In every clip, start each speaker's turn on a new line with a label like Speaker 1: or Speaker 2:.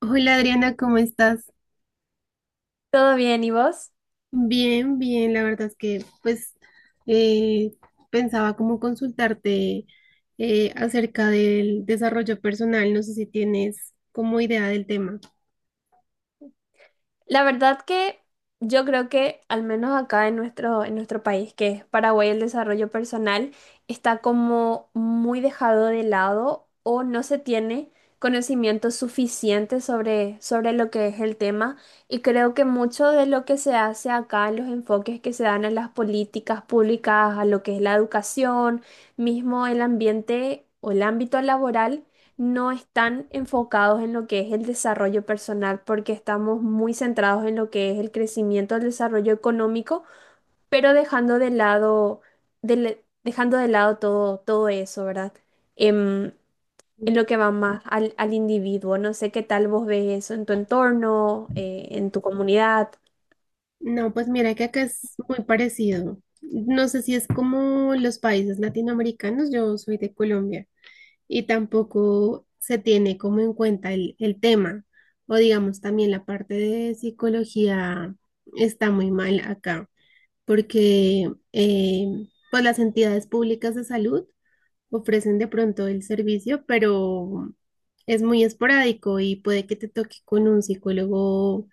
Speaker 1: Hola Adriana, ¿cómo estás?
Speaker 2: ¿Todo bien? ¿Y vos?
Speaker 1: Bien, bien, la verdad es que pues eh, pensaba como consultarte acerca del desarrollo personal, no sé si tienes como idea del tema.
Speaker 2: La verdad que yo creo que al menos acá en nuestro país, que es Paraguay, el desarrollo personal está como muy dejado de lado o no se tiene conocimiento suficiente sobre lo que es el tema. Y creo que mucho de lo que se hace acá, los enfoques que se dan a las políticas públicas, a lo que es la educación, mismo el ambiente o el ámbito laboral no están enfocados en lo que es el desarrollo personal, porque estamos muy centrados en lo que es el crecimiento, el desarrollo económico, pero dejando de lado todo eso, ¿verdad? Em, en lo que va más al individuo. No sé qué tal vos ves eso en tu entorno, en tu comunidad.
Speaker 1: No, pues mira que acá es muy parecido. No sé si es como los países latinoamericanos, yo soy de Colombia y tampoco se tiene como en cuenta el tema o digamos también la parte de psicología está muy mal acá, porque pues las entidades públicas de salud ofrecen de pronto el servicio, pero es muy esporádico y puede que te toque con un psicólogo.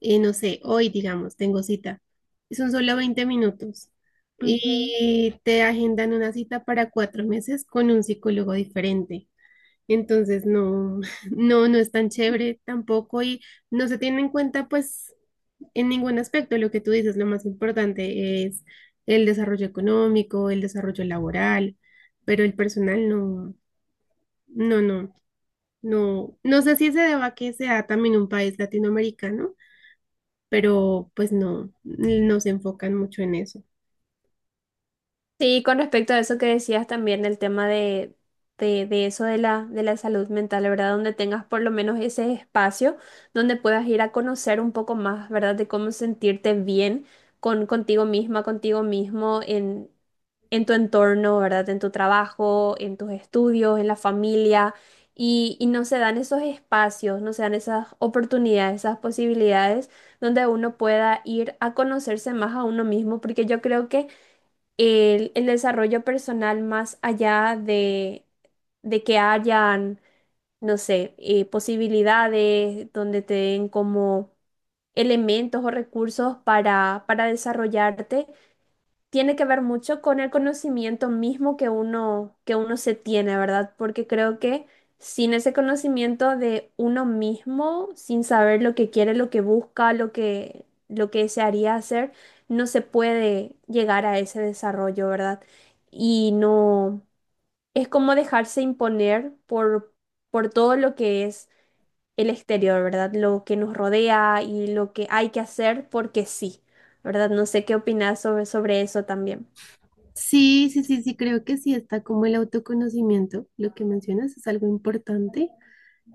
Speaker 1: No sé, hoy digamos, tengo cita, y son solo 20 minutos y te agendan una cita para 4 meses con un psicólogo diferente. Entonces, no, no, no es tan chévere tampoco y no se tiene en cuenta, pues, en ningún aspecto. Lo que tú dices, lo más importante es el desarrollo económico, el desarrollo laboral, pero el personal no, no, no, no. No sé si se deba a que sea también un país latinoamericano, pero pues no, no se enfocan mucho en eso.
Speaker 2: Sí, con respecto a eso que decías también, el tema de eso de de la salud mental, ¿verdad? Donde tengas por lo menos ese espacio donde puedas ir a conocer un poco más, ¿verdad? De cómo sentirte bien contigo misma, contigo mismo en tu entorno, ¿verdad? En tu trabajo, en tus estudios, en la familia. Y no se dan esos espacios, no se dan esas oportunidades, esas posibilidades donde uno pueda ir a conocerse más a uno mismo, porque yo creo que el desarrollo personal más allá de que hayan, no sé, posibilidades donde te den como elementos o recursos para desarrollarte, tiene que ver mucho con el conocimiento mismo que uno se tiene, ¿verdad? Porque creo que sin ese conocimiento de uno mismo, sin saber lo que quiere, lo que busca, lo que desearía hacer, no se puede llegar a ese desarrollo, ¿verdad? Y no, es como dejarse imponer por todo lo que es el exterior, ¿verdad? Lo que nos rodea y lo que hay que hacer porque sí, ¿verdad? No sé qué opinas sobre eso también.
Speaker 1: Sí, sí, sí, sí, creo que sí está como el autoconocimiento. Lo que mencionas es algo importante.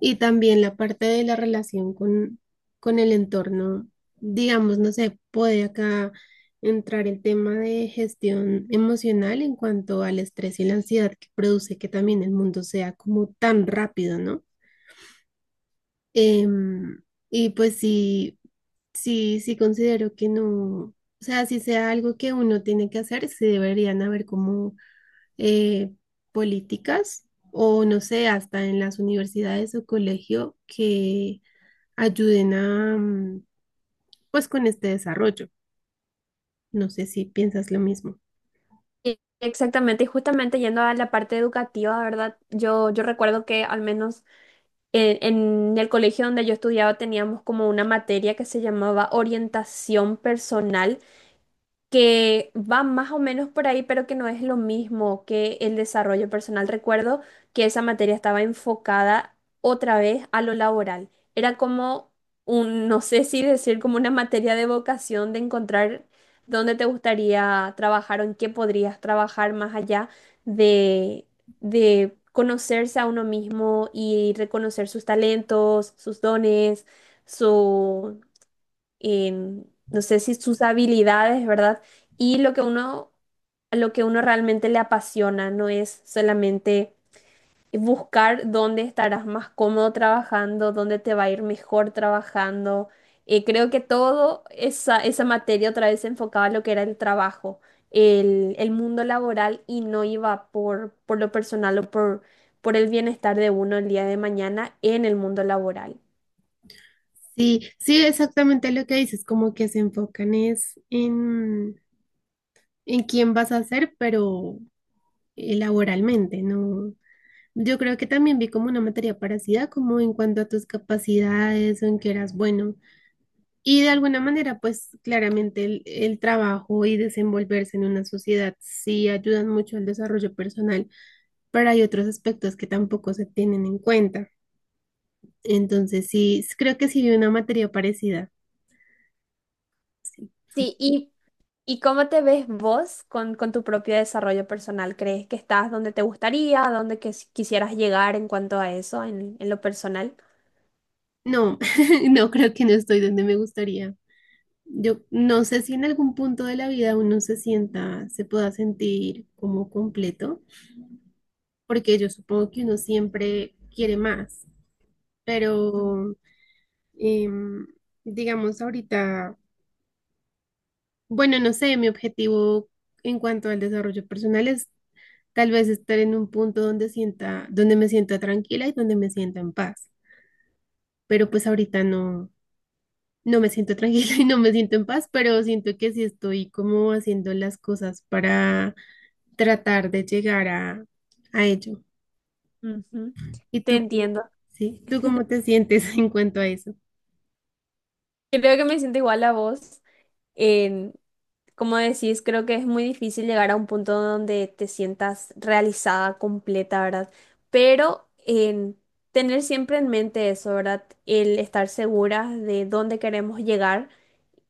Speaker 1: Y también la parte de la relación con el entorno, digamos, no sé, puede acá entrar el tema de gestión emocional en cuanto al estrés y la ansiedad que produce que también el mundo sea como tan rápido, ¿no? Em, y pues sí, sí, sí considero que no, o sea, si sea algo que uno tiene que hacer, sí deberían haber como eh, políticas o no sé, hasta en las universidades o colegio que ayuden a, pues, con este desarrollo. No sé si piensas lo mismo.
Speaker 2: Exactamente, y justamente yendo a la parte educativa, ¿verdad? Yo recuerdo que al menos en, en el colegio donde yo estudiaba teníamos como una materia que se llamaba orientación personal que va más o menos por ahí, pero que no es lo mismo que el desarrollo personal. Recuerdo que esa materia estaba enfocada otra vez a lo laboral. Era como un, no sé si decir, como una materia de vocación, de encontrar dónde te gustaría trabajar o en qué podrías trabajar más allá de, de conocerse a uno mismo y reconocer sus talentos, sus dones, em, no sé si sus habilidades, ¿verdad? Y lo que uno realmente le apasiona, no es solamente buscar dónde estarás más cómodo trabajando, dónde te va a ir mejor trabajando. Creo que todo esa materia otra vez se enfocaba a lo que era el trabajo, el mundo laboral y no iba por lo personal por el bienestar de uno el día de mañana en el mundo laboral.
Speaker 1: Sí, sí, exactamente lo que dices, como que se enfocan es en quién vas a ser, pero laboralmente, ¿no? Yo creo que también vi como una materia parecida, como en cuanto a tus capacidades o en qué eras bueno. Y de alguna manera, pues claramente el trabajo y desenvolverse en una sociedad sí ayudan mucho al desarrollo personal, pero hay otros aspectos que tampoco se tienen en cuenta. Entonces, sí, creo que sí vi una materia parecida. Sí.
Speaker 2: Sí, y ¿y cómo te ves vos con tu propio desarrollo personal? ¿Crees que estás donde te gustaría, a que quisieras llegar en cuanto a eso, en lo personal?
Speaker 1: No, no creo, que no estoy donde me gustaría. Yo no sé si en algún punto de la vida uno se sienta, se pueda sentir como completo, porque yo supongo que uno siempre quiere más,
Speaker 2: Ujú,
Speaker 1: pero em, digamos ahorita, bueno, no sé, mi objetivo en cuanto al desarrollo personal es tal vez estar en un punto donde sienta, donde me sienta tranquila y donde me sienta en paz, pero pues ahorita no, no me siento tranquila y no me siento en paz, pero siento que sí estoy como haciendo las cosas para tratar de llegar a ello.
Speaker 2: ujú.
Speaker 1: ¿Y
Speaker 2: Te
Speaker 1: tú cómo,
Speaker 2: entiendo.
Speaker 1: sí, tú cómo te sientes en cuanto a eso?
Speaker 2: Creo que me siento igual a vos. En- Como decís, creo que es muy difícil llegar a un punto donde te sientas realizada, completa, ¿verdad? Pero en tener siempre en mente eso, ¿verdad? El estar segura de dónde queremos llegar,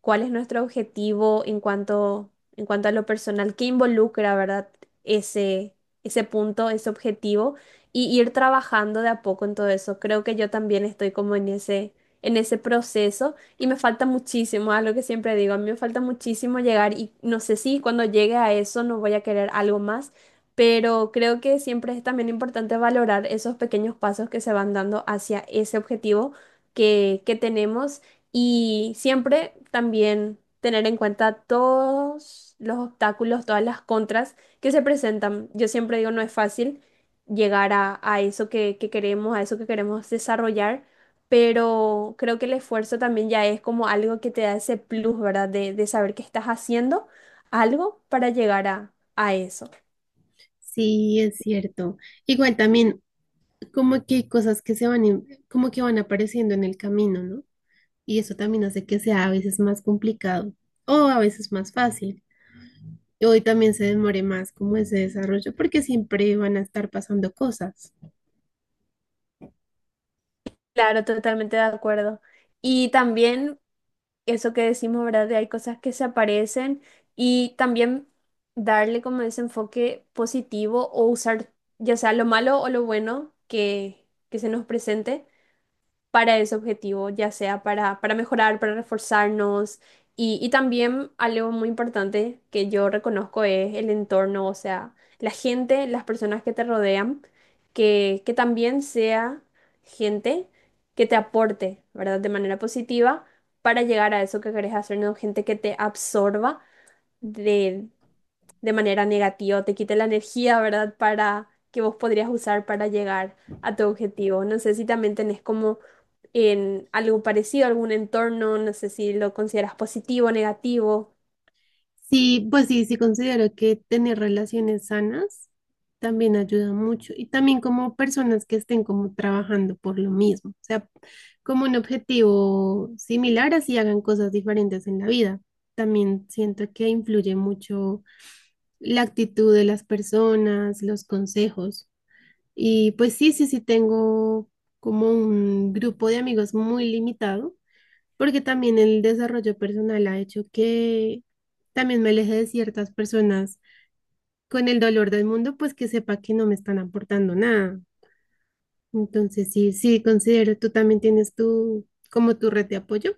Speaker 2: cuál es nuestro objetivo en cuanto a lo personal, qué involucra, ¿verdad? Ese, Ese punto, ese objetivo, y ir trabajando de a poco en todo eso. Creo que yo también estoy como en en ese proceso y me falta muchísimo, algo que siempre digo, a mí me falta muchísimo llegar y no sé si cuando llegue a eso no voy a querer algo más. Pero creo que siempre es también importante valorar esos pequeños pasos que se van dando hacia ese objetivo que tenemos y siempre también tener en cuenta todos los obstáculos, todas las contras que se presentan. Yo siempre digo, no es fácil llegar a eso que queremos, a eso que queremos desarrollar, pero creo que el esfuerzo también ya es como algo que te da ese plus, ¿verdad? De saber que estás haciendo algo para llegar a eso.
Speaker 1: Sí, es cierto. Igual también, como que hay cosas que se van, como que van apareciendo en el camino, ¿no? Y eso también hace que sea a veces más complicado o a veces más fácil. Y hoy también se demore más como ese desarrollo porque siempre van a estar pasando cosas.
Speaker 2: Claro, totalmente de acuerdo. Y también eso que decimos, ¿verdad? De hay cosas que se aparecen y también darle como ese enfoque positivo o usar ya sea lo malo o lo bueno que se nos presente para ese objetivo, ya sea para mejorar, para reforzarnos. Y también algo muy importante que yo reconozco es el entorno, o sea, la gente, las personas que te rodean, que también sea gente que te aporte, ¿verdad? De manera positiva para llegar a eso que querés hacer, no gente que te absorba de de manera negativa, te quite la energía, ¿verdad? Para que vos podrías usar para llegar a tu objetivo. No sé si también tenés como en algo parecido, algún entorno, no sé si lo consideras positivo o negativo.
Speaker 1: Sí, pues sí, sí considero que tener relaciones sanas también ayuda mucho y también como personas que estén como trabajando por lo mismo, o sea, como un objetivo similar, así hagan cosas diferentes en la vida. También siento que influye mucho la actitud de las personas, los consejos. Y pues sí, sí, sí tengo como un grupo de amigos muy limitado porque también el desarrollo personal ha hecho que también me aleje de ciertas personas con el dolor del mundo, pues que sepa que no me están aportando nada. Entonces, sí, sí, considero, tú también tienes tu, como tu red de apoyo.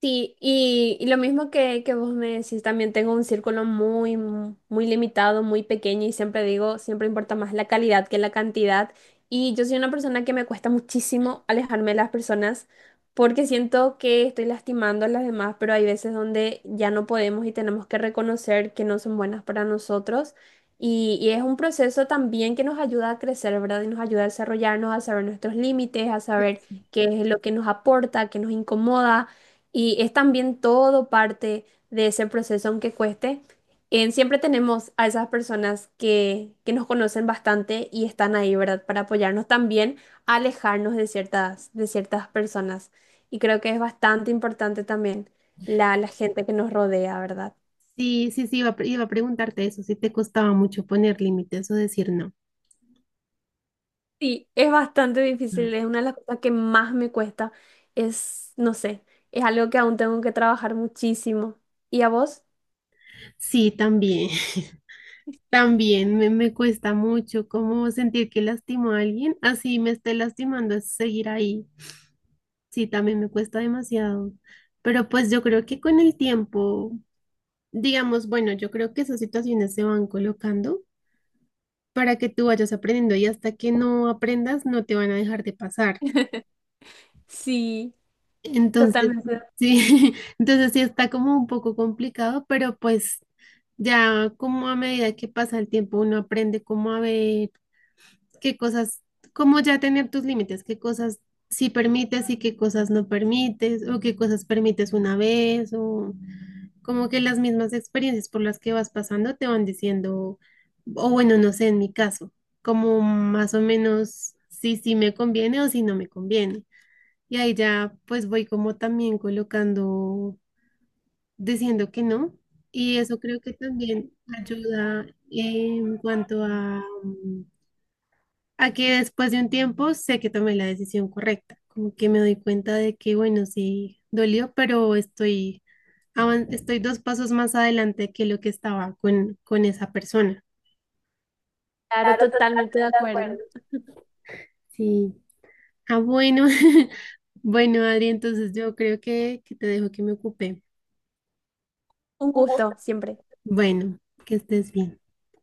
Speaker 2: Sí, y lo mismo que vos me decís, también tengo un círculo muy, muy limitado, muy pequeño y siempre digo, siempre importa más la calidad que la cantidad. Y yo soy una persona que me cuesta muchísimo alejarme de las personas porque siento que estoy lastimando a las demás, pero hay veces donde ya no podemos y tenemos que reconocer que no son buenas para nosotros. Y es un proceso también que nos ayuda a crecer, ¿verdad? Y nos ayuda a desarrollarnos, a saber nuestros límites, a saber qué es lo que nos aporta, qué nos incomoda. Y es también todo parte de ese proceso, aunque cueste. En, siempre tenemos a esas personas que nos conocen bastante y están ahí, ¿verdad? Para apoyarnos también a alejarnos de de ciertas personas. Y creo que es bastante importante también la gente que nos rodea, ¿verdad?
Speaker 1: Sí, sí, sí, iba a, iba a preguntarte eso, si te costaba mucho poner límites o decir no.
Speaker 2: Sí, es bastante difícil. Es una de las cosas que más me cuesta. Es, no sé, es algo que aún tengo que trabajar muchísimo. ¿Y a vos?
Speaker 1: Sí, también, también me cuesta mucho como sentir que lastimo a alguien, así me esté lastimando, es seguir ahí. Sí, también me cuesta demasiado. Pero pues yo creo que con el tiempo, digamos, bueno, yo creo que esas situaciones se van colocando para que tú vayas aprendiendo y hasta que no aprendas no te van a dejar de pasar.
Speaker 2: Sí,
Speaker 1: Entonces,
Speaker 2: totalmente.
Speaker 1: sí, entonces sí está como un poco complicado, pero pues ya como a medida que pasa el tiempo uno aprende cómo a ver qué cosas, cómo ya tener tus límites, qué cosas sí permites y qué cosas no permites o qué cosas permites una vez o... como que las mismas experiencias por las que vas pasando te van diciendo, o bueno, no sé, en mi caso, como más o menos si sí me conviene o si no me conviene. Y ahí ya pues voy como también colocando, diciendo que no. Y eso creo que también ayuda en cuanto a, a que después de un tiempo sé que tomé la decisión correcta, como que me doy cuenta de que, bueno, sí, dolió, pero estoy, estoy dos pasos más adelante que lo que estaba con esa persona.
Speaker 2: Claro,
Speaker 1: Claro,
Speaker 2: totalmente de
Speaker 1: totalmente de acuerdo.
Speaker 2: acuerdo.
Speaker 1: Sí. Ah, bueno, bueno, Adri, entonces yo creo que te dejo que me ocupe.
Speaker 2: Un
Speaker 1: Un gusto.
Speaker 2: gusto siempre.
Speaker 1: Bueno, que estés bien.